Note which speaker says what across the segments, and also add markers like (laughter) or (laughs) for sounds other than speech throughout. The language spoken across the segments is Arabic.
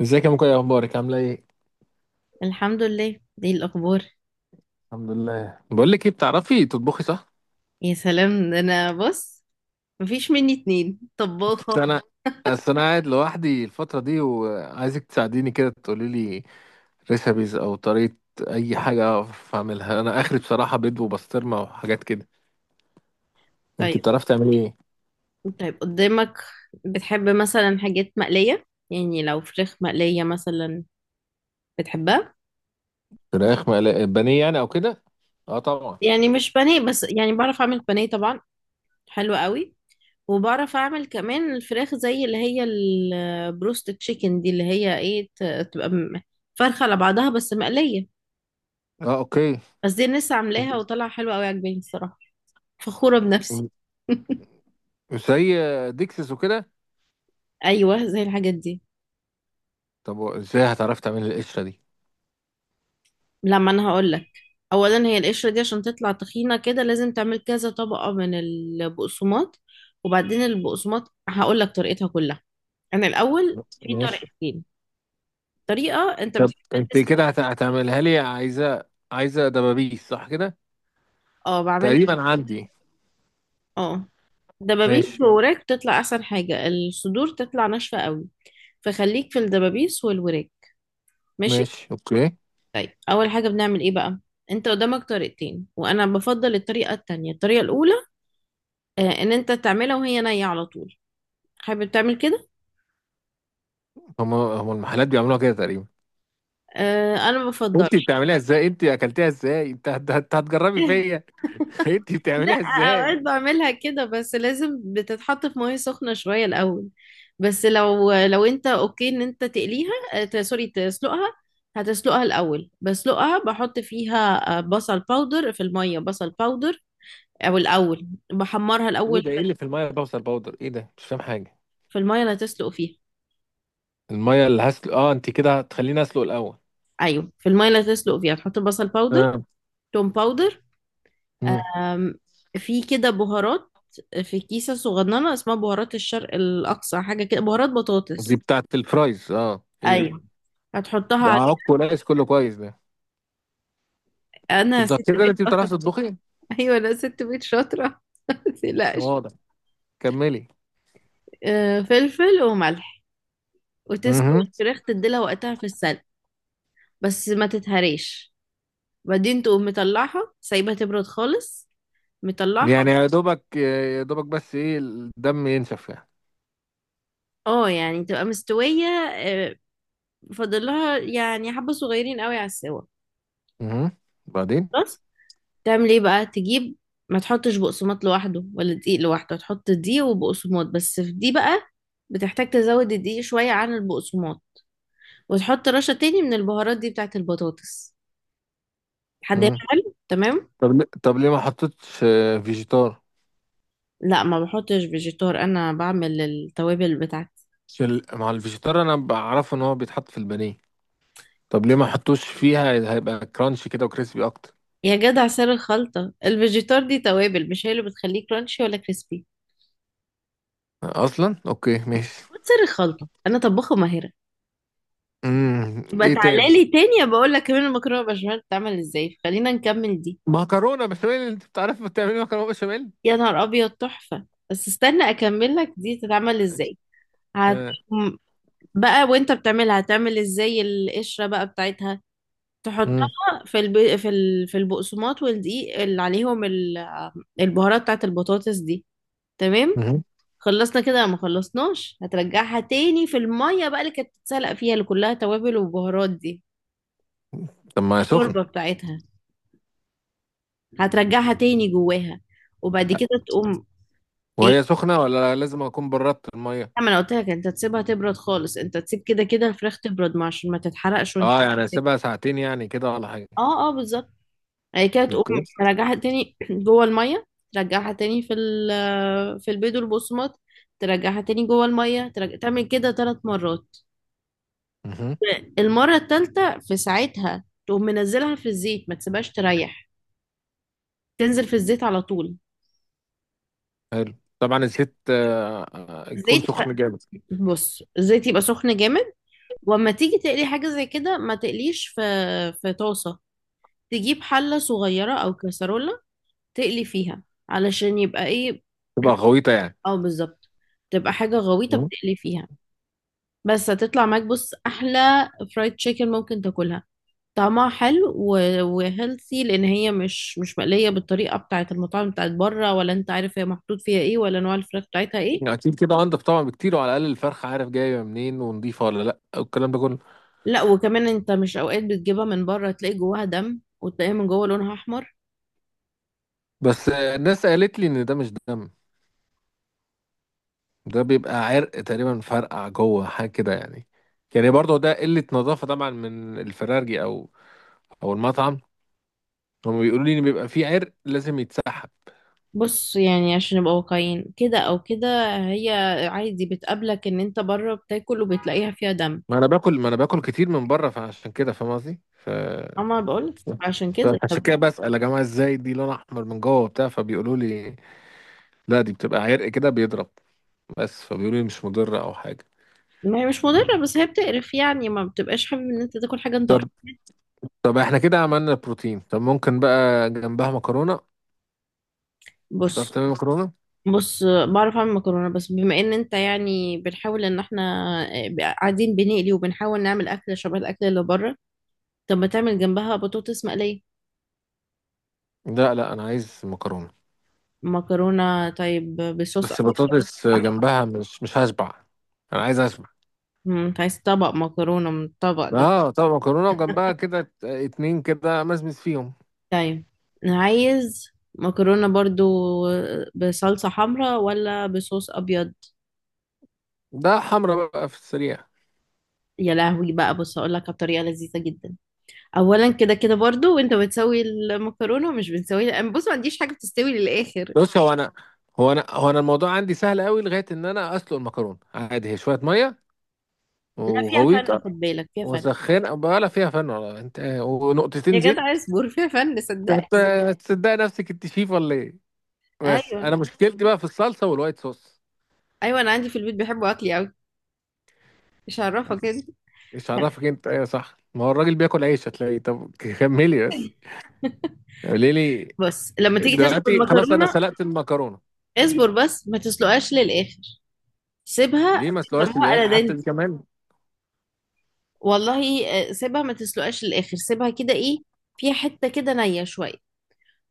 Speaker 1: ازيك يا مكوي؟ إيه اخبارك؟ عامله ايه؟
Speaker 2: الحمد لله دي الأخبار.
Speaker 1: الحمد لله. بقول لك ايه، بتعرفي تطبخي؟ صح؟
Speaker 2: يا سلام، ده أنا بص. مفيش مني اتنين
Speaker 1: أصل
Speaker 2: طباخة.
Speaker 1: انا اصل انا قاعد لوحدي الفتره دي، وعايزك تساعديني كده، تقولي لي ريسبيز او طريقه، اي حاجه اعرف اعملها. انا اخري بصراحه بيض وبسطرمه وحاجات كده.
Speaker 2: طيب.
Speaker 1: انت بتعرفي تعملي ايه؟
Speaker 2: طيب، قدامك بتحب مثلا حاجات مقلية؟ يعني لو فراخ مقلية مثلا بتحبها؟
Speaker 1: فراخ مقليه، بانيه يعني او كده. اه طبعا.
Speaker 2: يعني مش بانيه بس، يعني بعرف أعمل بانيه طبعا. حلو قوي. وبعرف أعمل كمان الفراخ زي اللي هي البروست تشيكن دي، اللي هي ايه فرخة على بعضها بس مقلية.
Speaker 1: اه، اوكي.
Speaker 2: بس دي الناس عاملاها وطلع حلوة قوي، عجباني الصراحة. فخورة بنفسي. (laughs)
Speaker 1: زي ديكسس وكده.
Speaker 2: ايوه، زي الحاجات دي.
Speaker 1: طب ازاي هتعرفي تعملي القشره دي؟
Speaker 2: لما انا هقول لك. اولا، هي القشره دي عشان تطلع تخينه كده لازم تعمل كذا طبقه من البقسماط. وبعدين البقسماط هقول لك طريقتها كلها. انا الاول في
Speaker 1: ماشي.
Speaker 2: طريقتين. طريقه انت
Speaker 1: طب
Speaker 2: بتحب.
Speaker 1: انت
Speaker 2: تسلق.
Speaker 1: كده هتعملها لي؟ عايزه، عايزه دبابيس صح كده؟
Speaker 2: اه بعملها.
Speaker 1: تقريبا عندي.
Speaker 2: اه، دبابيس
Speaker 1: ماشي.
Speaker 2: ووراك تطلع احسن حاجه، الصدور تطلع ناشفه قوي. فخليك في الدبابيس والوراك. ماشي.
Speaker 1: ماشي، اوكي.
Speaker 2: طيب، اول حاجه بنعمل ايه بقى؟ انت قدامك طريقتين، وانا بفضل الطريقه التانية. الطريقه الاولى ان انت تعملها وهي نية على طول. حابب تعمل كده؟
Speaker 1: هم المحلات بيعملوها كده تقريبا.
Speaker 2: انا ما
Speaker 1: انت
Speaker 2: بفضلش.
Speaker 1: بتعمليها ازاي؟ انت اكلتيها ازاي؟ انت هتجربي فيا؟ (laughs) انت
Speaker 2: (laughs) لا،
Speaker 1: بتعمليها ازاي؟
Speaker 2: اوقات بعملها كده، بس لازم بتتحط في مية سخنة شوية الاول. بس لو انت اوكي ان انت تقليها، سوري، تسلقها. هتسلقها الاول، بسلقها بحط فيها بصل باودر في المية، بصل باودر. او الاول بحمرها
Speaker 1: ايه
Speaker 2: الاول.
Speaker 1: ده؟ ايه اللي في الميه، بوصل باودر؟ ايه ده؟ مش فاهم حاجه.
Speaker 2: في المية اللي هتسلق فيها.
Speaker 1: الميه اللي هسلق؟ اه، انت كده هتخليني اسلق الاول؟
Speaker 2: ايوه، في المية اللي هتسلق فيها تحط بصل باودر،
Speaker 1: اه.
Speaker 2: توم باودر.
Speaker 1: مم.
Speaker 2: أم، في كده بهارات، في كيسة صغننة اسمها بهارات الشرق الأقصى، حاجة كده بهارات
Speaker 1: دي
Speaker 2: بطاطس.
Speaker 1: بتاعت الفرايز؟ اه، ايه ده؟
Speaker 2: أيوة، هتحطها
Speaker 1: ده
Speaker 2: عليه.
Speaker 1: عك وناقص، كله كويس ده. انت
Speaker 2: أنا ست
Speaker 1: متاكده ان
Speaker 2: بيت
Speaker 1: انت
Speaker 2: شاطرة.
Speaker 1: بتعرفي
Speaker 2: (laughs)
Speaker 1: تطبخي؟
Speaker 2: أيوة، أنا ست بيت شاطرة (laughs) متقلقش.
Speaker 1: واضح. كملي.
Speaker 2: فلفل وملح. وتسوي
Speaker 1: امم.
Speaker 2: الفراخ تديلها وقتها في السلق، بس ما تتهريش. بعدين تقوم مطلعها سايبها تبرد خالص. مطلعها.
Speaker 1: يعني يا دوبك يا دوبك، بس ايه، الدم ينشف يعني؟
Speaker 2: اه، يعني تبقى مستوية. أه، فاضل لها يعني حبة صغيرين قوي على السوا.
Speaker 1: امم. بعدين؟
Speaker 2: خلاص. تعمل ايه بقى؟ تجيب. ما تحطش بقسماط لوحده ولا دقيق لوحده، تحط دي وبقسماط. بس في دي بقى بتحتاج تزود الدقيق شوية عن البقسماط. وتحط رشة تاني من البهارات دي بتاعت البطاطس. حد هنا حلو تمام.
Speaker 1: طب طب ليه ما حطيتش فيجيتار؟
Speaker 2: لا، ما بحطش فيجيتار، انا بعمل التوابل بتاعتي.
Speaker 1: عشان مع الفيجيتار انا بعرفه ان هو بيتحط في البانيه. طب ليه ما حطوش فيها؟ هيبقى كرانشي كده وكريسبي اكتر.
Speaker 2: يا جدع سر الخلطة! الفيجيتار دي توابل، مش هي اللي بتخليه كرانشي ولا كريسبي.
Speaker 1: اصلا، اوكي ماشي.
Speaker 2: خد سر الخلطة، انا طباخة ماهرة.
Speaker 1: امم.
Speaker 2: يبقى
Speaker 1: ايه
Speaker 2: تعالى
Speaker 1: تاني؟
Speaker 2: لي تاني بقول لك كمان المكرونة بشاميل بتتعمل ازاي. خلينا نكمل دي.
Speaker 1: مكرونه بشاميل؟ انت بتعرف بتعملي مكرونه بشاميل؟
Speaker 2: يا نهار ابيض، تحفه. بس استنى اكمل لك دي تتعمل
Speaker 1: (laughs)
Speaker 2: ازاي. هت...
Speaker 1: آه.
Speaker 2: بقى وانت بتعملها هتعمل ازاي القشره بقى بتاعتها؟ تحطها
Speaker 1: مم.
Speaker 2: في البقسماط والدقيق اللي عليهم البهارات بتاعت البطاطس دي. تمام.
Speaker 1: مم.
Speaker 2: خلصنا كده ما خلصناش؟ هترجعها تاني في الميه بقى اللي كانت بتتسلق فيها، اللي كلها توابل وبهارات دي.
Speaker 1: طب ما هي سخنه.
Speaker 2: الشوربه بتاعتها، هترجعها تاني جواها. وبعد كده تقوم ايه،
Speaker 1: وهي سخنه ولا لازم اكون بردت الميه؟
Speaker 2: لا، ما انا قلت لك انت تسيبها تبرد خالص. انت تسيب كده كده الفراخ تبرد، ما عشان ما تتحرقش وانت
Speaker 1: اه، يعني
Speaker 2: بتمسك.
Speaker 1: اسيبها ساعتين يعني كده ولا حاجه؟
Speaker 2: اه اه، بالظبط. هي كده تقوم
Speaker 1: اوكي.
Speaker 2: ترجعها تاني (clears throat) جوه الميه. ترجعها تاني في ال (clears throat) في البيض والبقسماط. ترجعها تاني جوه الميه. تعمل كده 3 مرات.
Speaker 1: مم.
Speaker 2: المره الثالثه في ساعتها تقوم منزلها في الزيت، ما تسيبهاش تريح. تنزل في الزيت على طول.
Speaker 1: طبعا الزيت يكون
Speaker 2: الزيت ف...
Speaker 1: سخن جامد.
Speaker 2: بص، الزيت يبقى سخن جامد. واما تيجي تقلي حاجه زي كده ما تقليش في في طاسه. تجيب حلة صغيرة أو كسرولة، تقلي فيها. علشان يبقى إيه؟
Speaker 1: تبقى غويطه يعني؟
Speaker 2: أو بالظبط، تبقى حاجة غويطة بتقلي فيها. بس هتطلع معاك، بص، أحلى فرايد تشيكن ممكن تاكلها. طعمها حلو وهيلثي، لأن هي مش مقلية بالطريقة بتاعة المطاعم بتاعة بره، ولا أنت عارف هي محطوط فيها إيه ولا نوع الفراخ بتاعتها إيه.
Speaker 1: يعني اكيد كده انضف طبعا بكتير، وعلى الاقل الفرخه عارف جايه منين ونضيفه ولا لا والكلام ده كله.
Speaker 2: لا، وكمان أنت مش أوقات بتجيبها من بره تلاقي جواها دم، وتلاقيها من جوه لونها أحمر.
Speaker 1: بس الناس قالت لي ان ده مش دم. ده بيبقى عرق تقريبا، فرقع جوه حاجه كده يعني. يعني برضه ده قله نظافه طبعا من الفرارجي، او او المطعم. هم بيقولوا لي ان بيبقى فيه عرق لازم يتسحب.
Speaker 2: بص، يعني عشان نبقى واقعيين كده او كده، هي عادي بتقابلك ان انت بره بتاكل وبتلاقيها فيها دم.
Speaker 1: ما انا باكل، كتير من بره، فعشان كده فاهم قصدي
Speaker 2: اما بقول عشان كده،
Speaker 1: فعشان
Speaker 2: طب
Speaker 1: كده بسأل يا جماعه، ازاي دي لون احمر من جوه وبتاع، فبيقولوا لي لا دي بتبقى عرق كده بيضرب. بس فبيقولوا لي مش مضره او حاجه.
Speaker 2: ما هي مش مضره، بس هي بتقرف. يعني ما بتبقاش حابب ان انت تاكل حاجه انت قرف.
Speaker 1: طب احنا كده عملنا بروتين، طب ممكن بقى جنبها مكرونة؟ تعرف
Speaker 2: بص
Speaker 1: تعمل مكرونة؟
Speaker 2: بص بعرف اعمل مكرونه، بس بما ان انت يعني بنحاول ان احنا قاعدين بنقلي وبنحاول نعمل اكل شبه الاكل اللي بره. طب ما تعمل جنبها بطاطس مقليه.
Speaker 1: لا، لا، انا عايز مكرونة.
Speaker 2: مكرونه، طيب بصوص
Speaker 1: بس
Speaker 2: ابيض أو بصوص
Speaker 1: بطاطس
Speaker 2: أحمر؟
Speaker 1: جنبها مش هشبع. انا عايز اشبع.
Speaker 2: انت عايز طبق مكرونه من الطبق ده؟
Speaker 1: اه، طب مكرونة وجنبها كده اتنين كده مزمز فيهم.
Speaker 2: طيب. عايز. مكرونة برضو، بصلصة حمراء ولا بصوص أبيض؟
Speaker 1: ده حمرا بقى، في السريع.
Speaker 2: يا لهوي بقى، بص أقول لك على طريقة لذيذة جدا. أولا كده كده برضو، وأنت بتسوي المكرونة مش بتسوي. أنا بص ما عنديش حاجة بتستوي للآخر.
Speaker 1: بص، هو انا الموضوع عندي سهل قوي، لغاية ان انا اسلق المكرونة عادي، هي شوية مية
Speaker 2: لا، فيها فن،
Speaker 1: وغويطة
Speaker 2: خد بالك فيها فن.
Speaker 1: وسخنة بقى. لا فيها فن ولا انت
Speaker 2: يا
Speaker 1: ونقطتين
Speaker 2: جدع
Speaker 1: زيت.
Speaker 2: اصبر، فيها فن صدقني.
Speaker 1: هتصدقي نفسك انت شيف ولا ايه؟ بس
Speaker 2: أيوه.
Speaker 1: انا مشكلتي بقى في الصلصه والوايت صوص.
Speaker 2: أيوه، أنا عندي في البيت بيحبوا أكلي أوي، مش هعرفك كده.
Speaker 1: ايش عرفك؟ انت ايه؟ صح، ما هو الراجل بياكل عيش هتلاقيه. طب كملي بس. ليه لي؟
Speaker 2: بص لما تيجي تسلق
Speaker 1: دلوقتي خلاص انا
Speaker 2: المكرونة،
Speaker 1: سلقت المكرونه.
Speaker 2: اصبر بس ما تسلقهاش للآخر. سيبها
Speaker 1: ليه ما اسلقهاش
Speaker 2: بيسموها على.
Speaker 1: للاخر حتى دي كمان؟
Speaker 2: والله سيبها ما تسلقهاش للاخر. سيبها كده ايه، فيها حته كده نيه شويه.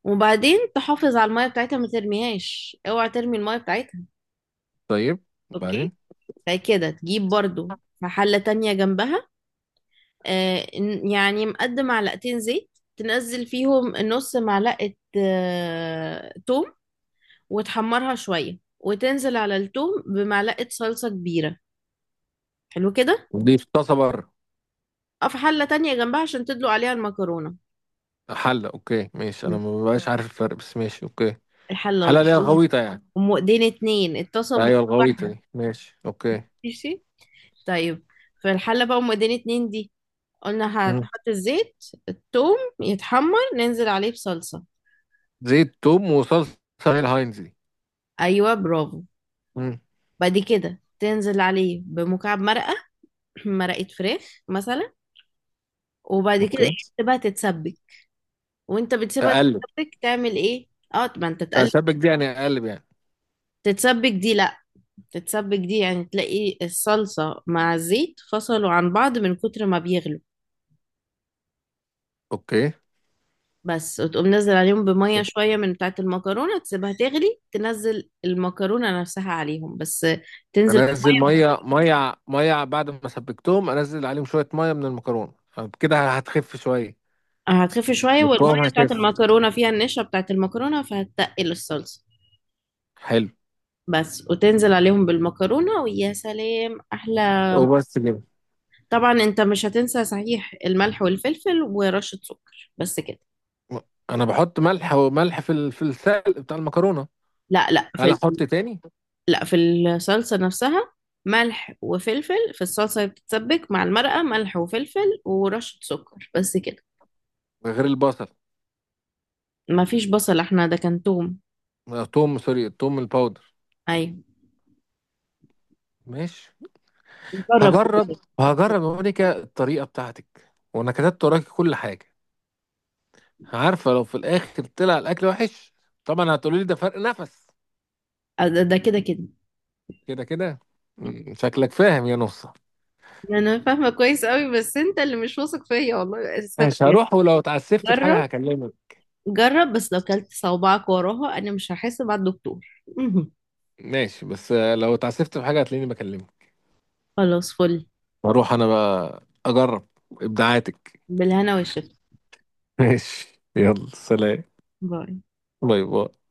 Speaker 2: وبعدين تحافظ على الميه بتاعتها، ما ترميهاش، اوعى ترمي الميه بتاعتها.
Speaker 1: طيب. وبعدين؟
Speaker 2: اوكي. بعد كده تجيب برضو في حله تانية جنبها، يعني مقدم معلقتين زيت. تنزل فيهم نص معلقه توم، وتحمرها شويه، وتنزل على التوم بمعلقه صلصه كبيره. حلو كده.
Speaker 1: دي في طاسه بره؟
Speaker 2: أو في حله تانية جنبها عشان تدلق عليها المكرونه.
Speaker 1: حله، اوكي ماشي، انا
Speaker 2: مم.
Speaker 1: ما بقاش عارف الفرق، بس ماشي اوكي.
Speaker 2: الحله
Speaker 1: حله
Speaker 2: الغلط.
Speaker 1: اللي هي الغويطه يعني؟
Speaker 2: ايدين اتنين اتصلوا
Speaker 1: ايوه، الغويطه
Speaker 2: واحدة.
Speaker 1: دي، ماشي اوكي.
Speaker 2: ماشي، طيب. في الحلة بقى ايدين اتنين دي، قلنا
Speaker 1: مم.
Speaker 2: هتحط الزيت. التوم يتحمر، ننزل عليه بصلصة.
Speaker 1: زيت، توم، وصلصه. هي الهاينز دي؟
Speaker 2: ايوه برافو.
Speaker 1: مم.
Speaker 2: بعد كده تنزل عليه بمكعب مرقة (clears throat) مرقة فراخ مثلا. وبعد كده ايه؟
Speaker 1: اوكي.
Speaker 2: تسيبها تتسبك. وانت بتسيبها
Speaker 1: اقلب.
Speaker 2: تتسبك تعمل ايه؟ اه، ما انت تقلب.
Speaker 1: اسبك دي يعني اقلب يعني؟
Speaker 2: تتسبك دي، لا. تتسبك دي يعني تلاقي الصلصة مع الزيت فصلوا عن بعض من كتر ما بيغلي.
Speaker 1: اوكي.
Speaker 2: بس، وتقوم نزل عليهم بمية شوية من بتاعة المكرونة، تسيبها تغلي، تنزل المكرونة نفسها عليهم. بس تنزل،
Speaker 1: انزل ميه، بعد ما سبكتهم انزل عليهم شويه ميه من المكرونه. كده هتخف شويه.
Speaker 2: هتخف شوية،
Speaker 1: القوام
Speaker 2: والمية بتاعة
Speaker 1: هيخف.
Speaker 2: المكرونة فيها النشا بتاعة المكرونة، فهتتقل الصلصة.
Speaker 1: حلو.
Speaker 2: بس وتنزل عليهم بالمكرونة، ويا سلام أحلى.
Speaker 1: وبس كده؟
Speaker 2: طبعا أنت مش هتنسى صحيح، الملح والفلفل ورشة سكر، بس كده.
Speaker 1: انا بحط ملح في في السلق بتاع المكرونه.
Speaker 2: لا لا
Speaker 1: هل احط تاني؟
Speaker 2: لا في الصلصة نفسها. ملح وفلفل في الصلصة اللي بتتسبك مع المرقة، ملح وفلفل ورشة سكر، بس كده.
Speaker 1: غير البصل؟
Speaker 2: ما فيش بصل، احنا ده كان توم.
Speaker 1: توم، سوري، التوم الباودر.
Speaker 2: ايوه.
Speaker 1: ماشي.
Speaker 2: جرب كده
Speaker 1: هجرب،
Speaker 2: كده.
Speaker 1: هجرب يا مونيكا الطريقه بتاعتك، وانا كتبت وراكي كل حاجه. عارفه، لو في الاخر طلع الاكل وحش، طبعا هتقولي لي ده فرق نفس.
Speaker 2: ده كده كده.
Speaker 1: كده كده. شكلك فاهم يا نصه.
Speaker 2: انا فاهمه كويس قوي، بس انت اللي مش واثق فيا، والله اسفك.
Speaker 1: ماشي، هروح، ولو اتعسفت في
Speaker 2: جرب.
Speaker 1: حاجة هكلمك.
Speaker 2: جرب بس، لو كلت صوابعك وراها انا مش هحاسب على الدكتور. مهم.
Speaker 1: ماشي، بس لو اتعسفت في حاجة هتلاقيني بكلمك.
Speaker 2: خلاص، فل.
Speaker 1: هروح انا بقى اجرب ابداعاتك.
Speaker 2: بالهنا والشفا.
Speaker 1: (laughs) ماشي، يلا سلام.
Speaker 2: باي.
Speaker 1: باي، باي.